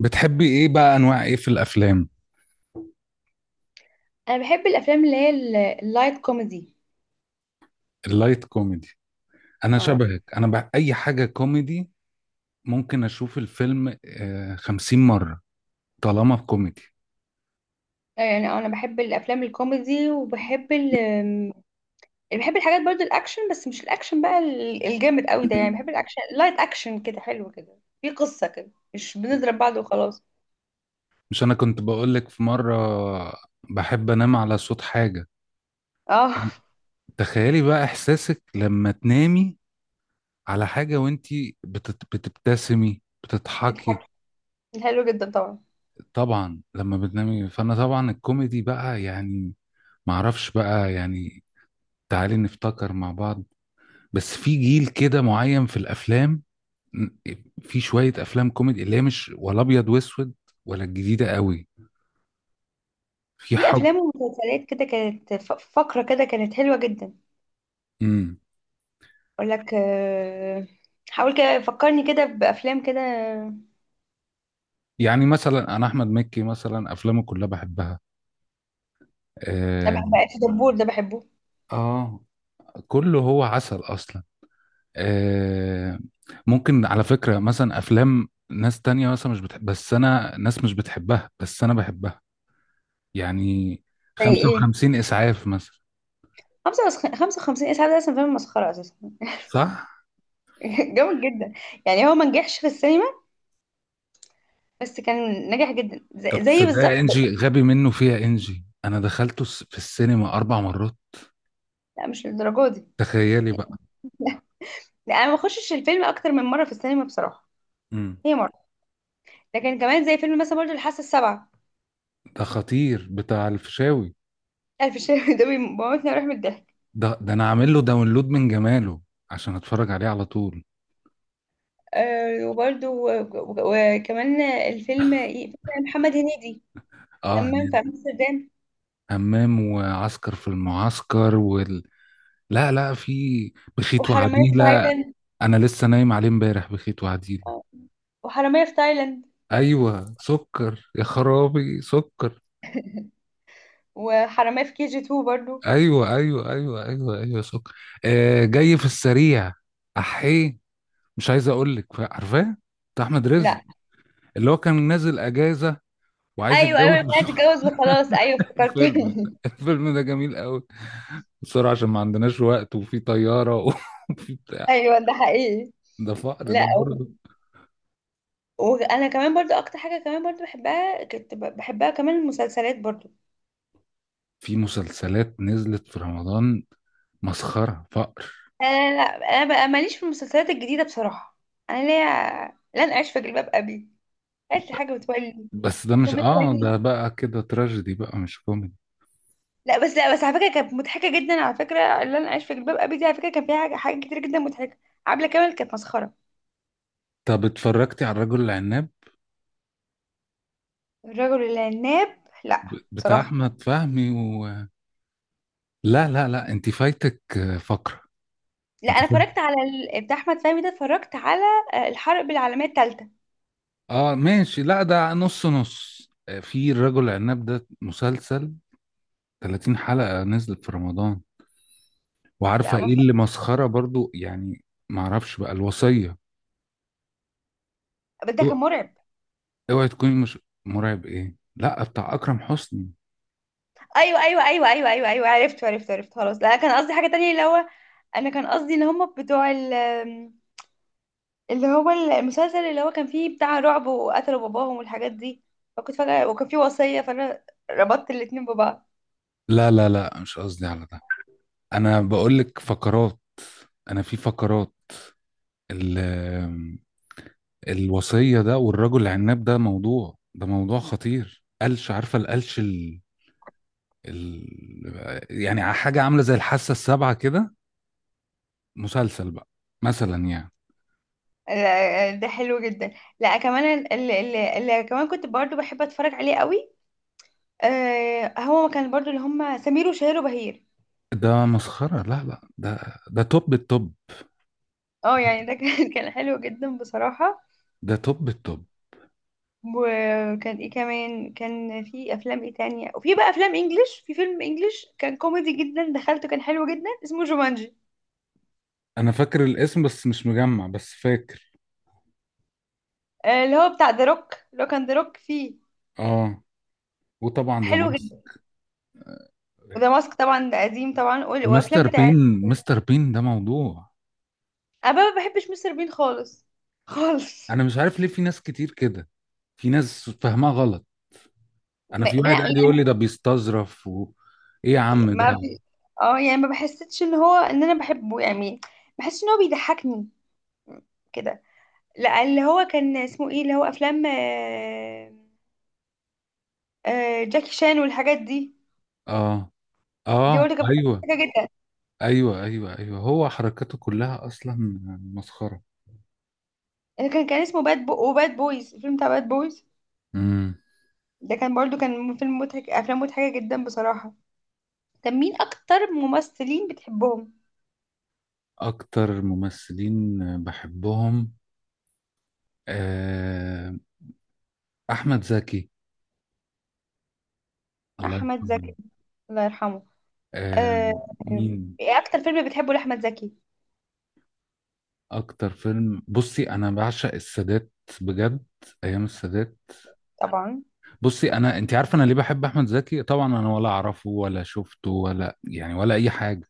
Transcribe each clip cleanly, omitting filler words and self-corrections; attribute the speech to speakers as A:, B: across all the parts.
A: بتحبي ايه بقى؟ انواع ايه في الافلام؟
B: انا بحب الافلام اللي هي اللايت كوميدي.
A: اللايت كوميدي. انا
B: اه.
A: شبهك، انا بقى اي حاجه كوميدي. ممكن اشوف الفيلم 50 مره طالما كوميدي.
B: انا بحب الافلام الكوميدي وبحب ال أم، بحب الحاجات برضو الاكشن، بس مش الاكشن بقى الجامد قوي ده. يعني بحب الاكشن لايت اكشن كده، حلو كده، في قصة كده، مش بنضرب بعض وخلاص.
A: مش انا كنت بقولك في مره بحب انام على صوت حاجه.
B: اه.
A: تخيلي بقى احساسك لما تنامي على حاجه وانتي بتبتسمي بتضحكي.
B: تضحك. حلو جدا طبعا.
A: طبعا لما بتنامي، فانا طبعا الكوميدي بقى يعني. معرفش بقى يعني. تعالي نفتكر مع بعض. بس في جيل كده معين في الافلام، في شويه افلام كوميدي اللي هي مش ولا ابيض واسود ولا الجديده قوي، في
B: في
A: حاجه.
B: افلام ومسلسلات كده كانت فقرة كده كانت حلوة جدا.
A: امم
B: اقول لك، حاول كده فكرني كده بافلام كده.
A: يعني مثلا انا احمد مكي مثلا افلامه كلها بحبها.
B: انا
A: آه.
B: بحب في دبور ده، بحبه.
A: اه، كله هو عسل اصلا. آه. ممكن على فكره مثلا افلام ناس تانية مثلا مش بتحب، بس انا ناس مش بتحبها بس انا بحبها. يعني
B: زي ايه؟
A: 55 اسعاف مثلا.
B: 55 اسعاد ده اصلا فيلم مسخرة اساسا.
A: صح.
B: جامد جدا. يعني هو ما نجحش في السينما، بس كان ناجح جدا زي
A: طب
B: بالظبط.
A: صدقني انجي، غبي منه فيها انجي، انا دخلته في السينما 4 مرات.
B: لا مش للدرجة دي.
A: تخيلي بقى.
B: لا، لا، انا ما بخشش الفيلم اكتر من مرة في السينما بصراحة،
A: امم.
B: هي مرة. لكن كمان زي فيلم مثلا برضه الحاسة السابعة،
A: ده خطير بتاع الفيشاوي.
B: الف الشيخ. ده بيموتني وراح من الضحك.
A: ده ده انا عامل له داونلود من جماله عشان اتفرج عليه على طول.
B: آه، وبرضه وكمان الفيلم فيلم محمد هنيدي،
A: اه.
B: حمام في امستردام،
A: همام وعسكر في المعسكر لا، لا، في بخيت
B: وحرامية في
A: وعديلة.
B: تايلاند.
A: انا لسه نايم عليه امبارح بخيت وعديلة.
B: آه، وحرامية في تايلاند،
A: ايوه سكر، يا خرابي سكر.
B: وحرامية في كي جي 2 برضه.
A: ايوه ايوه ايوه ايوه ايوه سكر. آه جاي في السريع. احيه، مش عايز اقول لك، عارفاه؟ بتاع احمد رزق،
B: لا.
A: اللي هو كان نازل اجازه وعايز
B: ايوه ايوه،
A: يتجوز
B: انا
A: بسرعه.
B: اتجوز وخلاص، ايوه افتكرت.
A: الفيلم، الفيلم ده جميل قوي. بسرعه عشان ما عندناش وقت وفي طياره. وفي بتاع.
B: ايوه، ده حقيقي.
A: ده فقر
B: لا
A: ده
B: و-
A: برضه.
B: وانا كمان برضو اكتر حاجه كمان برضو بحبها، كنت بحبها كمان، المسلسلات برضو.
A: في مسلسلات نزلت في رمضان، مسخره فقر.
B: انا لا، انا بقى ماليش في المسلسلات الجديده بصراحه. انا ليا لن اعيش في جلباب ابي، اي حاجه بتولي،
A: بس ده مش،
B: يوم
A: اه
B: الثاني.
A: ده بقى كده تراجيدي بقى، مش كوميدي.
B: لا بس، لا بس على فكره كانت مضحكه جدا على فكره. لن اعيش في جلباب ابي دي على فكره كان فيها حاجات كتير جدا مضحكه. عبله كامل كانت مسخره.
A: طب اتفرجتي على الرجل العناب؟
B: الرجل العناب؟ لا
A: بتاع
B: بصراحه.
A: احمد فهمي لا لا لا، انت فايتك فقره.
B: لا
A: انت.
B: انا اتفرجت على بتاع احمد فهمي ده، اتفرجت على، الحرب العالميه الثالثه.
A: اه ماشي، لا ده نص نص. في الرجل العناب، ده مسلسل 30 حلقة نزلت في رمضان. وعارفة
B: لا ما
A: ايه
B: اتفرج-
A: اللي مسخرة برضو؟ يعني معرفش بقى، الوصية.
B: بس ده كان
A: اوعى،
B: مرعب.
A: اوعي تكوني مش. مرعب ايه؟ لا بتاع اكرم حسني.
B: ايوه ايوه ايوه ايوه ايوه ايوه، عرفت عرفت عرفت، خلاص. لا كان قصدي حاجه تانية، اللي هو، انا كان قصدي ان هم بتوع اللي هو المسلسل اللي هو كان فيه بتاع رعب وقتلوا باباهم والحاجات دي، فكنت فجاه وكان فيه وصيه، فانا ربطت الاتنين ببعض.
A: لا لا لا، مش قصدي على ده. انا بقول لك فقرات، انا في فقرات ال- آم، الوصية ده والرجل العناب ده، موضوع، ده موضوع خطير. قلش، عارفة القلش؟ ال... يعني حاجة عاملة زي الحاسة السابعة كده، مسلسل بقى مثلا يعني.
B: لا، ده حلو جدا. لا كمان اللي كمان كنت برضو بحب اتفرج عليه قوي، آه، هو كان برضو اللي هم سمير وشهير وبهير.
A: ده مسخرة. لا لا ده، ده توب التوب.
B: اه يعني ده كان، كان حلو جدا بصراحة.
A: ده توب التوب.
B: وكان ايه كمان؟ كان في افلام ايه تانية، وفي بقى افلام انجليش، في فيلم انجليش كان كوميدي جدا دخلته، كان حلو جدا، اسمه جومانجي،
A: أنا فاكر الاسم بس مش مجمع، بس فاكر.
B: اللي هو بتاع ذا روك. لو كان ذا روك فيه،
A: اه. وطبعا
B: حلو جدا. وذا ماسك طبعا ده قديم طبعا، وافلام
A: ومستر
B: بتاعت.
A: بين. مستر بين ده موضوع.
B: انا بقى ما بحبش مستر بين خالص، خالص.
A: أنا مش عارف ليه في ناس كتير كده. في ناس فاهمها غلط. أنا
B: ما...
A: في
B: لا
A: واحد
B: يعني
A: قاعد يقول لي ده بيستظرف إيه يا عم
B: ما ب...
A: ده.
B: اه يعني ما بحسيتش ان هو ان انا بحبه يعني، بحس ان هو بيضحكني كده. لا اللي هو كان اسمه ايه اللي هو، افلام، جاكي شان والحاجات دي.
A: اه.
B: دي
A: اه
B: برضه كانت
A: ايوه
B: مضحكه جدا.
A: ايوه ايوه ايوه، هو حركاته كلها اصلا مسخره.
B: اللي كان اسمه باد بو وباد بويز، الفيلم بتاع باد بويز
A: امم.
B: ده كان برضه كان فيلم مضحك. افلام مضحكه جدا بصراحه. طب مين اكتر ممثلين بتحبهم؟
A: اكتر ممثلين بحبهم آه، احمد زكي، الله
B: احمد
A: يرحمه.
B: زكي، الله يرحمه.
A: آه،
B: آه، آه،
A: مين؟
B: ايه اكتر فيلم بتحبه لاحمد زكي؟
A: اكتر فيلم؟ بصي انا بعشق السادات، بجد، ايام السادات.
B: طبعا.
A: بصي، انا انت عارفه انا ليه بحب احمد زكي؟ طبعا انا ولا اعرفه ولا شفته ولا يعني ولا اي حاجه،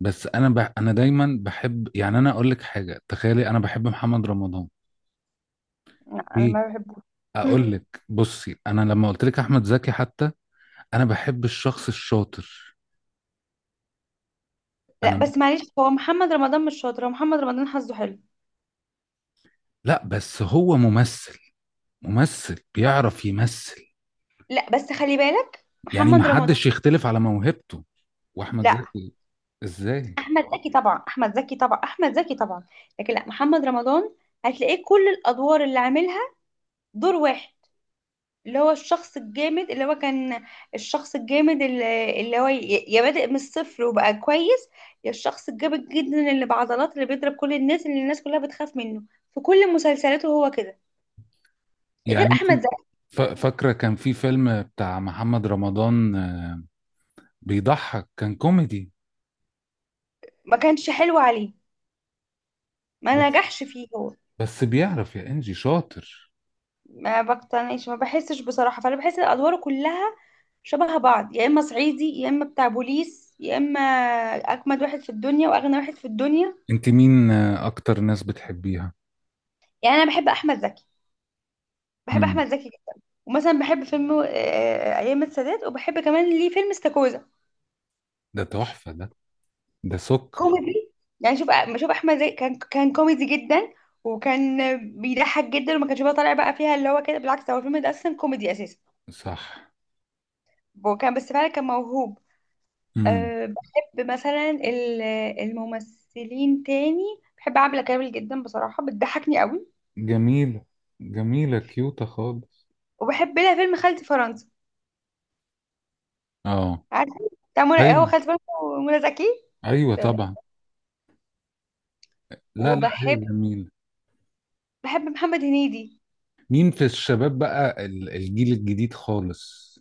A: بس انا دايما بحب، يعني انا اقول لك حاجه، تخيلي انا بحب محمد رمضان.
B: لا انا
A: ليه؟
B: ما بحبوش.
A: اقول لك. بصي انا لما قلت لك احمد زكي حتى، انا بحب الشخص الشاطر.
B: لا
A: انا.
B: بس معلش، هو محمد رمضان مش شاطر، هو محمد رمضان حظه حلو.
A: لا بس هو ممثل، ممثل بيعرف يمثل.
B: لا بس خلي بالك
A: يعني ما
B: محمد رمضان.
A: حدش يختلف على موهبته. واحمد
B: لا،
A: زكي. ازاي؟
B: احمد زكي طبعا، احمد زكي طبعا، احمد زكي طبعا. لكن لا، محمد رمضان هتلاقيه كل الادوار اللي عاملها دور واحد، اللي هو الشخص الجامد اللي هو كان، الشخص الجامد اللي هو يا بادئ من الصفر وبقى كويس، يا الشخص الجامد جدا اللي بعضلات، اللي بيضرب كل الناس، اللي الناس كلها بتخاف منه. في كل مسلسلاته هو كده، غير
A: يعني انت
B: احمد زكي.
A: فاكره كان في فيلم بتاع محمد رمضان بيضحك، كان كوميدي.
B: ما كانش حلو عليه، ما
A: بس،
B: نجحش فيه هو.
A: بس بيعرف يا انجي، شاطر.
B: ما بحسش بصراحة، فأنا بحس الأدوار كلها شبه بعض، يا إما صعيدي، يا إما بتاع بوليس، يا إما أجمد واحد في الدنيا وأغنى واحد في الدنيا.
A: انت مين اكتر ناس بتحبيها؟
B: يعني أنا بحب أحمد زكي، بحب
A: مم.
B: أحمد زكي جدا. ومثلا بحب فيلم، أيام السادات. وبحب كمان ليه فيلم استاكوزا،
A: ده تحفه ده، ده سكر.
B: كوميدي. يعني شوف، شوف أحمد زكي كان كوميدي جدا، وكان بيضحك جدا، وما كانش بقى طالع بقى فيها اللي هو كده، بالعكس هو الفيلم ده أصلا كوميدي أساسا،
A: صح.
B: وكان بس فعلا كان موهوب.
A: مم.
B: أه بحب مثلا الممثلين تاني، بحب عبلة كامل جدا بصراحة، بتضحكني قوي.
A: جميلة، جميلة كيوتة خالص.
B: وبحب لها فيلم خالتي فرنسا،
A: اه.
B: عارفة، بتاع منى، هو
A: ايوه،
B: خالتي فرنسا ومنى زكي.
A: ايوه
B: طيب.
A: طبعا. لا لا،
B: وبحب،
A: هي جميلة.
B: بحب محمد هنيدي.
A: مين في الشباب بقى؟ الجيل الجديد خالص،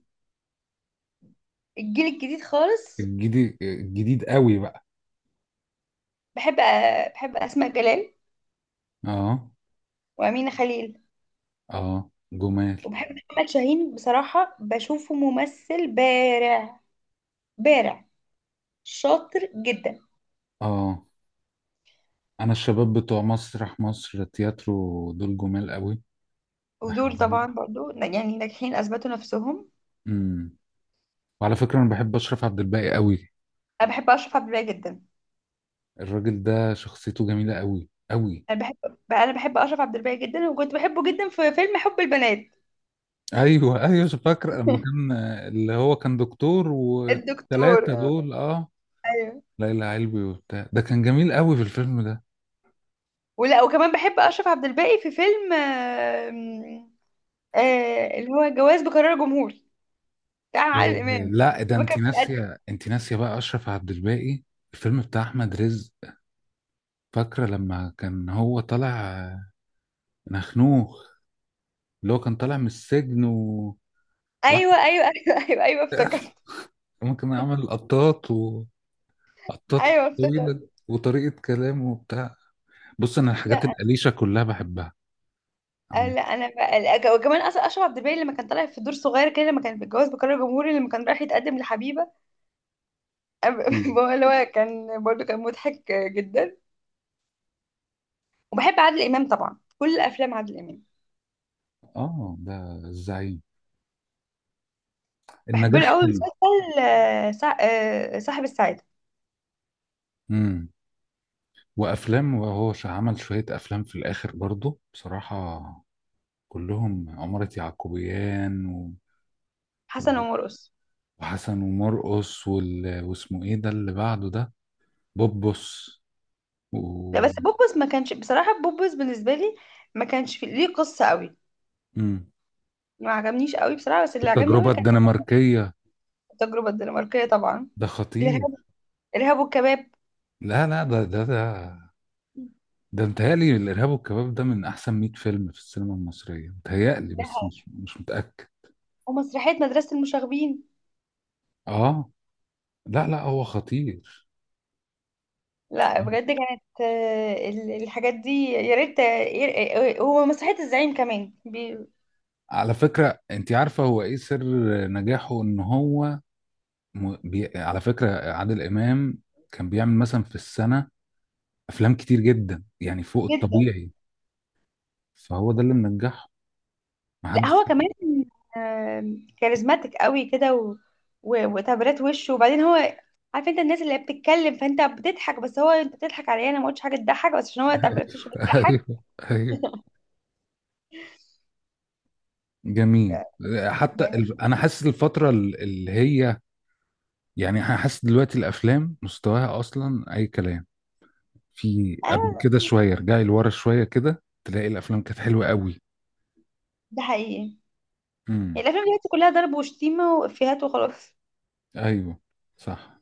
B: الجيل الجديد خالص،
A: الجديد الجديد قوي بقى.
B: بحب، أه بحب أسماء جلال،
A: اه.
B: وأمينة خليل،
A: اه جمال.
B: وبحب محمد شاهين بصراحة، بشوفه ممثل بارع، بارع شاطر جدا.
A: اه انا الشباب بتوع مسرح مصر تياترو دول جمال قوي.
B: ودول
A: بحبهم.
B: طبعا برضو يعني ناجحين، أثبتوا نفسهم.
A: امم. وعلى فكرة انا بحب اشرف عبد الباقي قوي.
B: أنا بحب أشرف عبد الباقي جدا.
A: الراجل ده شخصيته جميلة قوي قوي.
B: انا بحب بقى، انا بحب اشرف عبد الباقي جدا، وكنت بحبه جدا في فيلم حب البنات.
A: ايوه ايوه فاكر لما كان، اللي هو كان دكتور
B: الدكتور،
A: والتلاتة دول. اه،
B: ايوه.
A: ليلى علوي وبتاع، ده كان جميل قوي في الفيلم ده.
B: ولا، وكمان بحب اشرف عبد الباقي في فيلم اللي هو جواز بقرار جمهور بتاع عادل امام.
A: لا، ده
B: هو
A: انت
B: كان بيقدم-
A: ناسيه، انت ناسيه بقى اشرف عبد الباقي. الفيلم بتاع احمد رزق، فاكره لما كان هو طالع نخنوخ، اللي هو كان طالع من السجن وواحد.
B: ايوه ايوه ايوه ايوه ايوه افتكرت،
A: ممكن عمل قطاط، وقطاط
B: ايوه افتكرت.
A: طويله، وطريقه كلامه وبتاع. بص، انا الحاجات
B: لا،
A: القليشه كلها بحبها. عم-
B: لا انا بقى، لا، وكمان اصلا اشرف عبد الباقي لما كان طالع في دور صغير كده، لما كان في جواز بقرار جمهوري لما كان رايح يتقدم لحبيبه.
A: أيوه.
B: هو اللي هو كان برضه كان مضحك جدا. وبحب عادل امام طبعا، كل افلام عادل امام.
A: اه ده الزعيم.
B: بحب له
A: النجاح
B: قوي
A: حلو.
B: مسلسل، صاحب السعادة.
A: امم. وافلام، وهو عمل شويه افلام في الاخر برضه بصراحه. كلهم عمارة يعقوبيان
B: حسن
A: و-
B: ومرقص.
A: وحسن ومرقص واسمه ايه ده اللي بعده ده؟ بوبوس
B: لا
A: و...
B: بس بوبوس ما كانش بصراحة، بوبوس بالنسبة لي ما كانش في ليه قصة قوي،
A: امم.
B: ما عجبنيش قوي بصراحة. بس اللي عجبني
A: والتجربه
B: قوي كان،
A: الدنماركيه،
B: التجربة الدنماركية طبعا،
A: ده خطير.
B: الإرهاب، الإرهاب والكباب
A: لا لا ده، ده ده، ده متهيألي الإرهاب والكباب ده من أحسن 100 فيلم في السينما المصرية متهيألي،
B: ده،
A: بس مش متأكد.
B: ومسرحية مدرسة المشاغبين.
A: آه. لا لا، هو خطير.
B: لا بجد كانت، الحاجات دي يا ريت، ومسرحية الزعيم كمان
A: على فكرة انت عارفة هو ايه سر نجاحه؟ ان هو على فكرة عادل امام كان بيعمل مثلا في السنة افلام كتير جدا، يعني فوق
B: جدا.
A: الطبيعي. فهو ده اللي منجحه،
B: لا
A: محدش.
B: هو كمان، كاريزماتيك قوي كده، و... و... وتعبيرات وشه. وبعدين هو عارف، انت الناس اللي هي بتتكلم فانت بتضحك، بس هو انت بتضحك عليه، انا ما قلتش حاجه تضحك، بس عشان هو تعبيرات وشه
A: ايوه
B: بتضحك.
A: ايوه، جميل. حتى
B: يعني
A: انا حاسس الفترة اللي هي يعني، انا حاسس دلوقتي الافلام مستواها اصلا اي كلام. في قبل كده
B: آه،
A: شوية، رجعي لورا شوية كده تلاقي الافلام كانت حلوة قوي.
B: ده حقيقي.
A: امم.
B: يعني الافلام دلوقتي كلها ضرب وشتيمه وافيهات وخلاص.
A: ايوه صح.